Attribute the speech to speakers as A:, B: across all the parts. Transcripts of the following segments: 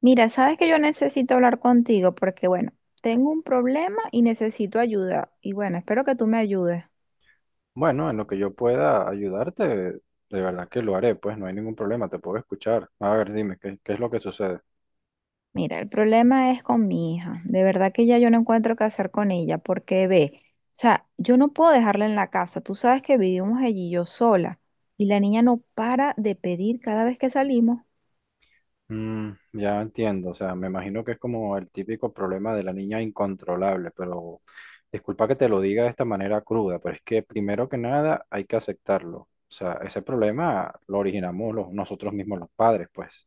A: Mira, sabes que yo necesito hablar contigo porque, bueno, tengo un problema y necesito ayuda. Y bueno, espero que tú me ayudes.
B: Bueno, en lo que yo pueda ayudarte, de verdad que lo haré, pues no hay ningún problema, te puedo escuchar. A ver, dime, ¿qué es lo que sucede?
A: Mira, el problema es con mi hija. De verdad que ya yo no encuentro qué hacer con ella porque ve, o sea, yo no puedo dejarla en la casa. Tú sabes que vivimos allí yo sola y la niña no para de pedir cada vez que salimos.
B: Mm, ya entiendo, o sea, me imagino que es como el típico problema de la niña incontrolable, pero disculpa que te lo diga de esta manera cruda, pero es que primero que nada hay que aceptarlo. O sea, ese problema lo originamos nosotros mismos los padres, pues.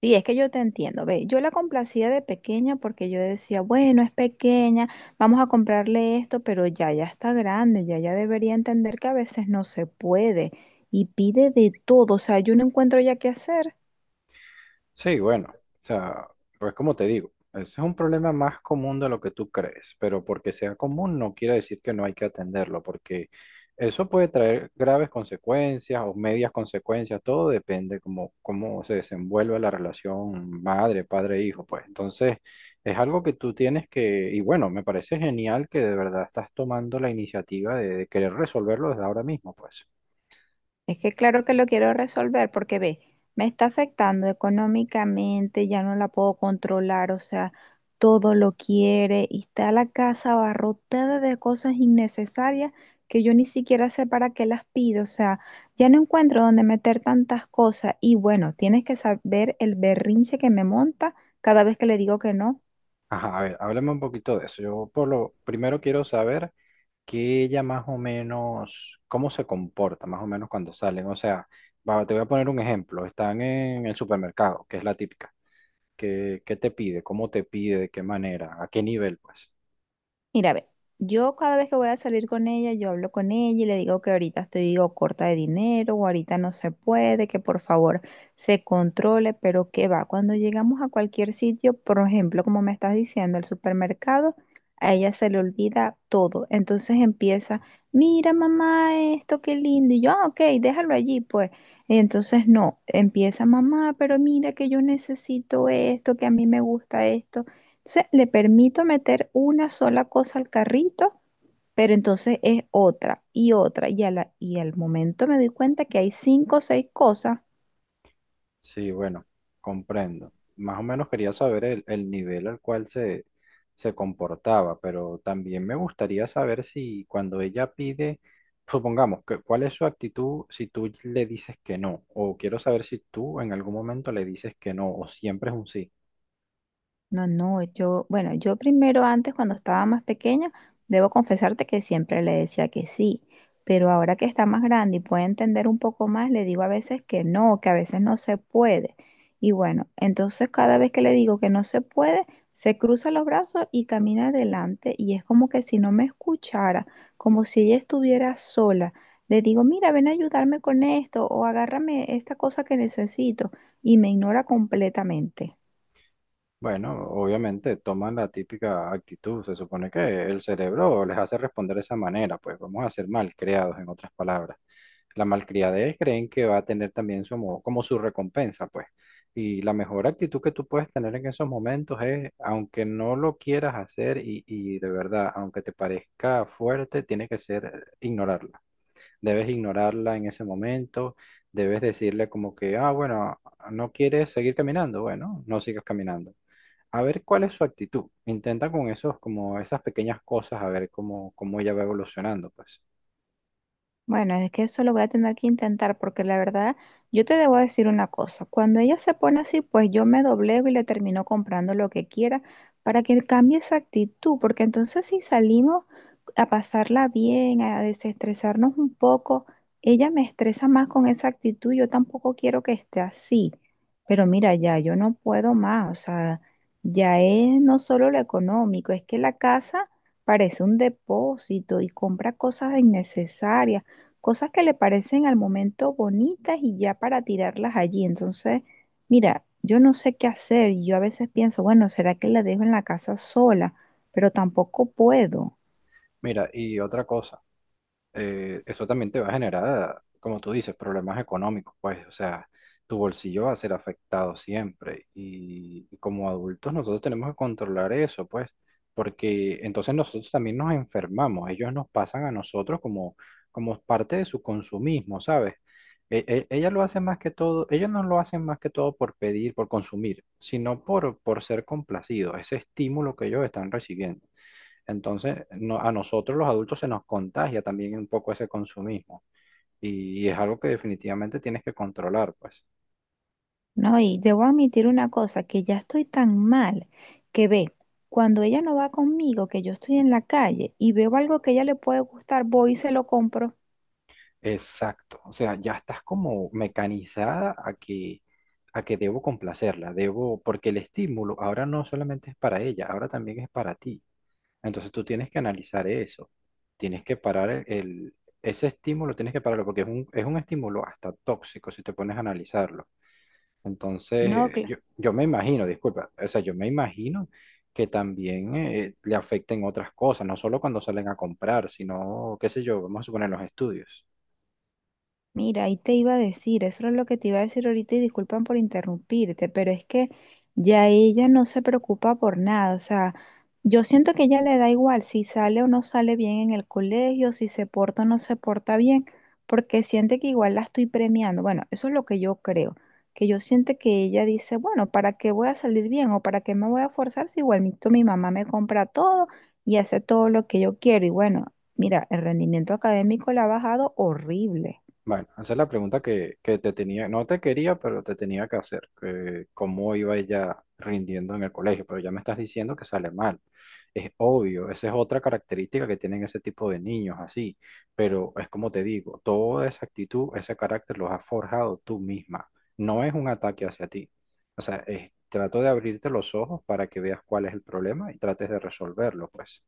A: Sí, es que yo te entiendo. Ve, yo la complacía de pequeña porque yo decía, bueno, es pequeña, vamos a comprarle esto, pero ya, ya está grande, ya, ya debería entender que a veces no se puede y pide de todo. O sea, yo no encuentro ya qué hacer.
B: Sí, bueno, o sea, pues como te digo, ese es un problema más común de lo que tú crees, pero porque sea común no quiere decir que no hay que atenderlo, porque eso puede traer graves consecuencias o medias consecuencias, todo depende cómo se desenvuelve la relación madre, padre, hijo, pues. Entonces, es algo que tú tienes que, y bueno, me parece genial que de verdad estás tomando la iniciativa de querer resolverlo desde ahora mismo, pues.
A: Es que claro que lo quiero resolver porque ve, me está afectando económicamente, ya no la puedo controlar, o sea, todo lo quiere y está la casa abarrotada de cosas innecesarias que yo ni siquiera sé para qué las pido, o sea, ya no encuentro dónde meter tantas cosas y bueno, tienes que saber el berrinche que me monta cada vez que le digo que no.
B: Ajá, a ver, háblame un poquito de eso. Yo por lo primero quiero saber que ella más o menos, cómo se comporta más o menos cuando salen. O sea, va, te voy a poner un ejemplo. Están en el supermercado, que es la típica. ¿Qué te pide? ¿Cómo te pide? ¿De qué manera? ¿A qué nivel, pues?
A: Mira, ve, yo cada vez que voy a salir con ella, yo hablo con ella y le digo que ahorita estoy o corta de dinero o ahorita no se puede, que por favor se controle, pero que va, cuando llegamos a cualquier sitio, por ejemplo, como me estás diciendo, el supermercado, a ella se le olvida todo. Entonces empieza, mira mamá, esto qué lindo. Y yo, ah, ok, déjalo allí, pues. Entonces no, empieza mamá, pero mira que yo necesito esto, que a mí me gusta esto. Entonces, le permito meter una sola cosa al carrito, pero entonces es otra y otra. Y al momento me doy cuenta que hay cinco o seis cosas.
B: Sí, bueno, comprendo. Más o menos quería saber el nivel al cual se comportaba, pero también me gustaría saber si cuando ella pide, supongamos, que, ¿cuál es su actitud si tú le dices que no? O quiero saber si tú en algún momento le dices que no, o siempre es un sí.
A: No, no, yo, bueno, yo primero antes cuando estaba más pequeña, debo confesarte que siempre le decía que sí, pero ahora que está más grande y puede entender un poco más, le digo a veces que no, que a veces no se puede. Y bueno, entonces cada vez que le digo que no se puede, se cruza los brazos y camina adelante y es como que si no me escuchara, como si ella estuviera sola. Le digo, mira, ven a ayudarme con esto o agárrame esta cosa que necesito y me ignora completamente.
B: Bueno, obviamente toman la típica actitud. Se supone que el cerebro les hace responder de esa manera, pues vamos a ser malcriados, en otras palabras. La malcriadez creen que va a tener también su, como su recompensa, pues. Y la mejor actitud que tú puedes tener en esos momentos es, aunque no lo quieras hacer y de verdad, aunque te parezca fuerte, tiene que ser ignorarla. Debes ignorarla en ese momento, debes decirle como que, ah, bueno, no quieres seguir caminando, bueno, no sigas caminando a ver cuál es su actitud. Intenta con esos, como esas pequeñas cosas, a ver cómo ella va evolucionando, pues.
A: Bueno, es que eso lo voy a tener que intentar porque la verdad, yo te debo decir una cosa, cuando ella se pone así, pues yo me doblego y le termino comprando lo que quiera para que cambie esa actitud, porque entonces si salimos a pasarla bien, a desestresarnos un poco, ella me estresa más con esa actitud, yo tampoco quiero que esté así, pero mira, ya yo no puedo más, o sea, ya es no solo lo económico, es que la casa parece un depósito y compra cosas innecesarias cosas que le parecen al momento bonitas y ya para tirarlas allí. Entonces, mira, yo no sé qué hacer y yo a veces pienso, bueno, ¿será que la dejo en la casa sola? Pero tampoco puedo,
B: Mira, y otra cosa. Eso también te va a generar, como tú dices, problemas económicos, pues, o sea, tu bolsillo va a ser afectado siempre. Y como adultos nosotros tenemos que controlar eso, pues, porque entonces nosotros también nos enfermamos, ellos nos pasan a nosotros como, como parte de su consumismo, ¿sabes? Ellas lo hace más que todo, ellos no lo hacen más que todo por pedir, por consumir, sino por ser complacidos, ese estímulo que ellos están recibiendo. Entonces, a nosotros los adultos se nos contagia también un poco ese consumismo y es algo que definitivamente tienes que controlar, pues.
A: ¿no? Y debo admitir una cosa, que ya estoy tan mal que ve, cuando ella no va conmigo, que yo estoy en la calle y veo algo que a ella le puede gustar, voy y se lo compro.
B: Exacto, o sea, ya estás como mecanizada a que debo complacerla, debo, porque el estímulo ahora no solamente es para ella, ahora también es para ti. Entonces tú tienes que analizar eso, tienes que parar ese estímulo, tienes que pararlo porque es es un estímulo hasta tóxico si te pones a analizarlo.
A: No,
B: Entonces, yo me imagino, disculpa, o sea, yo me imagino que también le afecten otras cosas, no solo cuando salen a comprar, sino, qué sé yo, vamos a suponer los estudios.
A: mira, ahí te iba a decir, eso era lo que te iba a decir ahorita y disculpan por interrumpirte, pero es que ya ella no se preocupa por nada, o sea, yo siento que ella le da igual si sale o no sale bien en el colegio, si se porta o no se porta bien, porque siente que igual la estoy premiando. Bueno, eso es lo que yo creo, que yo siento que ella dice, bueno, ¿para qué voy a salir bien o para qué me voy a forzar si igualito mi mamá me compra todo y hace todo lo que yo quiero? Y bueno, mira, el rendimiento académico le ha bajado horrible.
B: Bueno, esa es la pregunta que te tenía, no te quería, pero te tenía que hacer, que cómo iba ella rindiendo en el colegio, pero ya me estás diciendo que sale mal. Es obvio, esa es otra característica que tienen ese tipo de niños así, pero es como te digo, toda esa actitud, ese carácter los has forjado tú misma, no es un ataque hacia ti. O sea, trato de abrirte los ojos para que veas cuál es el problema y trates de resolverlo, pues.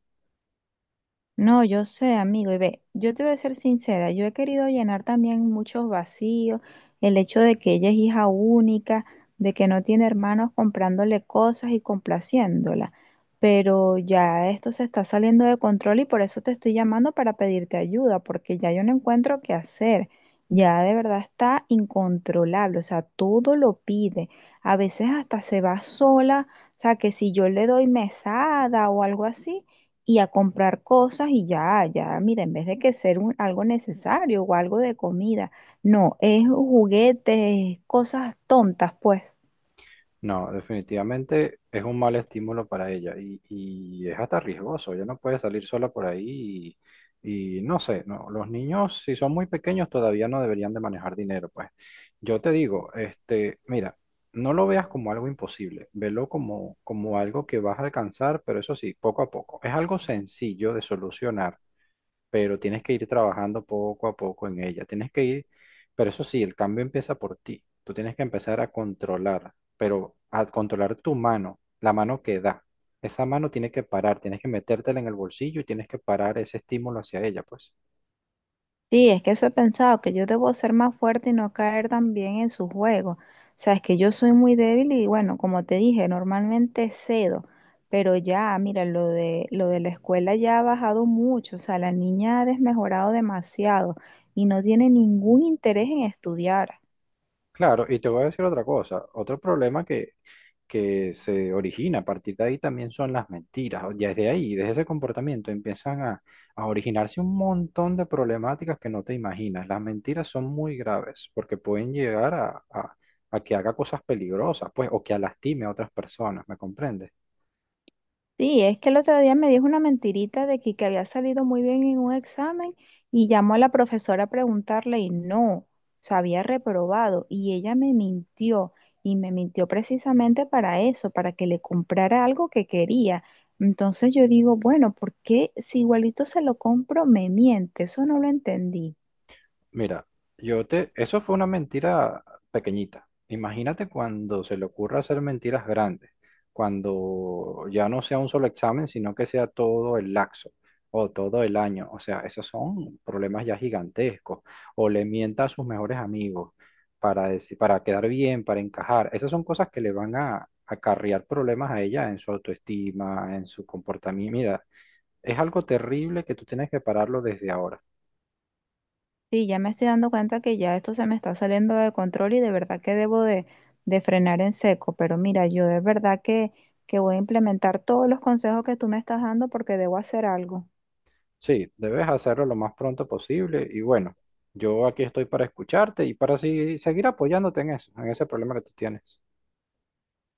A: No, yo sé, amigo, y ve, yo te voy a ser sincera, yo he querido llenar también muchos vacíos, el hecho de que ella es hija única, de que no tiene hermanos comprándole cosas y complaciéndola, pero ya esto se está saliendo de control y por eso te estoy llamando para pedirte ayuda, porque ya yo no encuentro qué hacer, ya de verdad está incontrolable, o sea, todo lo pide, a veces hasta se va sola, o sea, que si yo le doy mesada o algo así y a comprar cosas y ya, ya, mira, en vez de que ser algo necesario o algo de comida, no, es juguetes, cosas tontas, pues.
B: No, definitivamente es un mal estímulo para ella y es hasta riesgoso. Ella no puede salir sola por ahí y no sé, no, los niños si son muy pequeños todavía no deberían de manejar dinero, pues. Yo te digo, este, mira, no lo veas como algo imposible, velo como, como algo que vas a alcanzar, pero eso sí, poco a poco. Es algo sencillo de solucionar, pero tienes que ir trabajando poco a poco en ella. Tienes que ir, pero eso sí, el cambio empieza por ti. Tú tienes que empezar a controlar, pero a controlar tu mano, la mano que da. Esa mano tiene que parar, tienes que metértela en el bolsillo y tienes que parar ese estímulo hacia ella, pues.
A: Sí, es que eso he pensado, que yo debo ser más fuerte y no caer también en su juego. O sea, es que yo soy muy débil y bueno, como te dije, normalmente cedo, pero ya, mira, lo de la escuela ya ha bajado mucho, o sea, la niña ha desmejorado demasiado y no tiene ningún interés en estudiar.
B: Claro, y te voy a decir otra cosa, otro problema que se origina a partir de ahí también son las mentiras. Ya desde ahí, desde ese comportamiento, empiezan a originarse un montón de problemáticas que no te imaginas. Las mentiras son muy graves porque pueden llegar a que haga cosas peligrosas, pues, o que lastime a otras personas, ¿me comprendes?
A: Sí, es que el otro día me dijo una mentirita de que había salido muy bien en un examen y llamó a la profesora a preguntarle y no, se había reprobado y ella me mintió y me mintió precisamente para eso, para que le comprara algo que quería. Entonces yo digo, bueno, ¿por qué si igualito se lo compro, me miente? Eso no lo entendí.
B: Mira, eso fue una mentira pequeñita. Imagínate cuando se le ocurra hacer mentiras grandes, cuando ya no sea un solo examen, sino que sea todo el laxo o todo el año. O sea, esos son problemas ya gigantescos. O le mienta a sus mejores amigos para decir, para quedar bien, para encajar. Esas son cosas que le van a acarrear problemas a ella en su autoestima, en su comportamiento. Mira, es algo terrible que tú tienes que pararlo desde ahora.
A: Sí, ya me estoy dando cuenta que ya esto se me está saliendo de control y de verdad que debo de frenar en seco. Pero mira, yo de verdad que voy a implementar todos los consejos que tú me estás dando porque debo hacer algo.
B: Sí, debes hacerlo lo más pronto posible y bueno, yo aquí estoy para escucharte y para así seguir apoyándote en eso, en ese problema que tú tienes.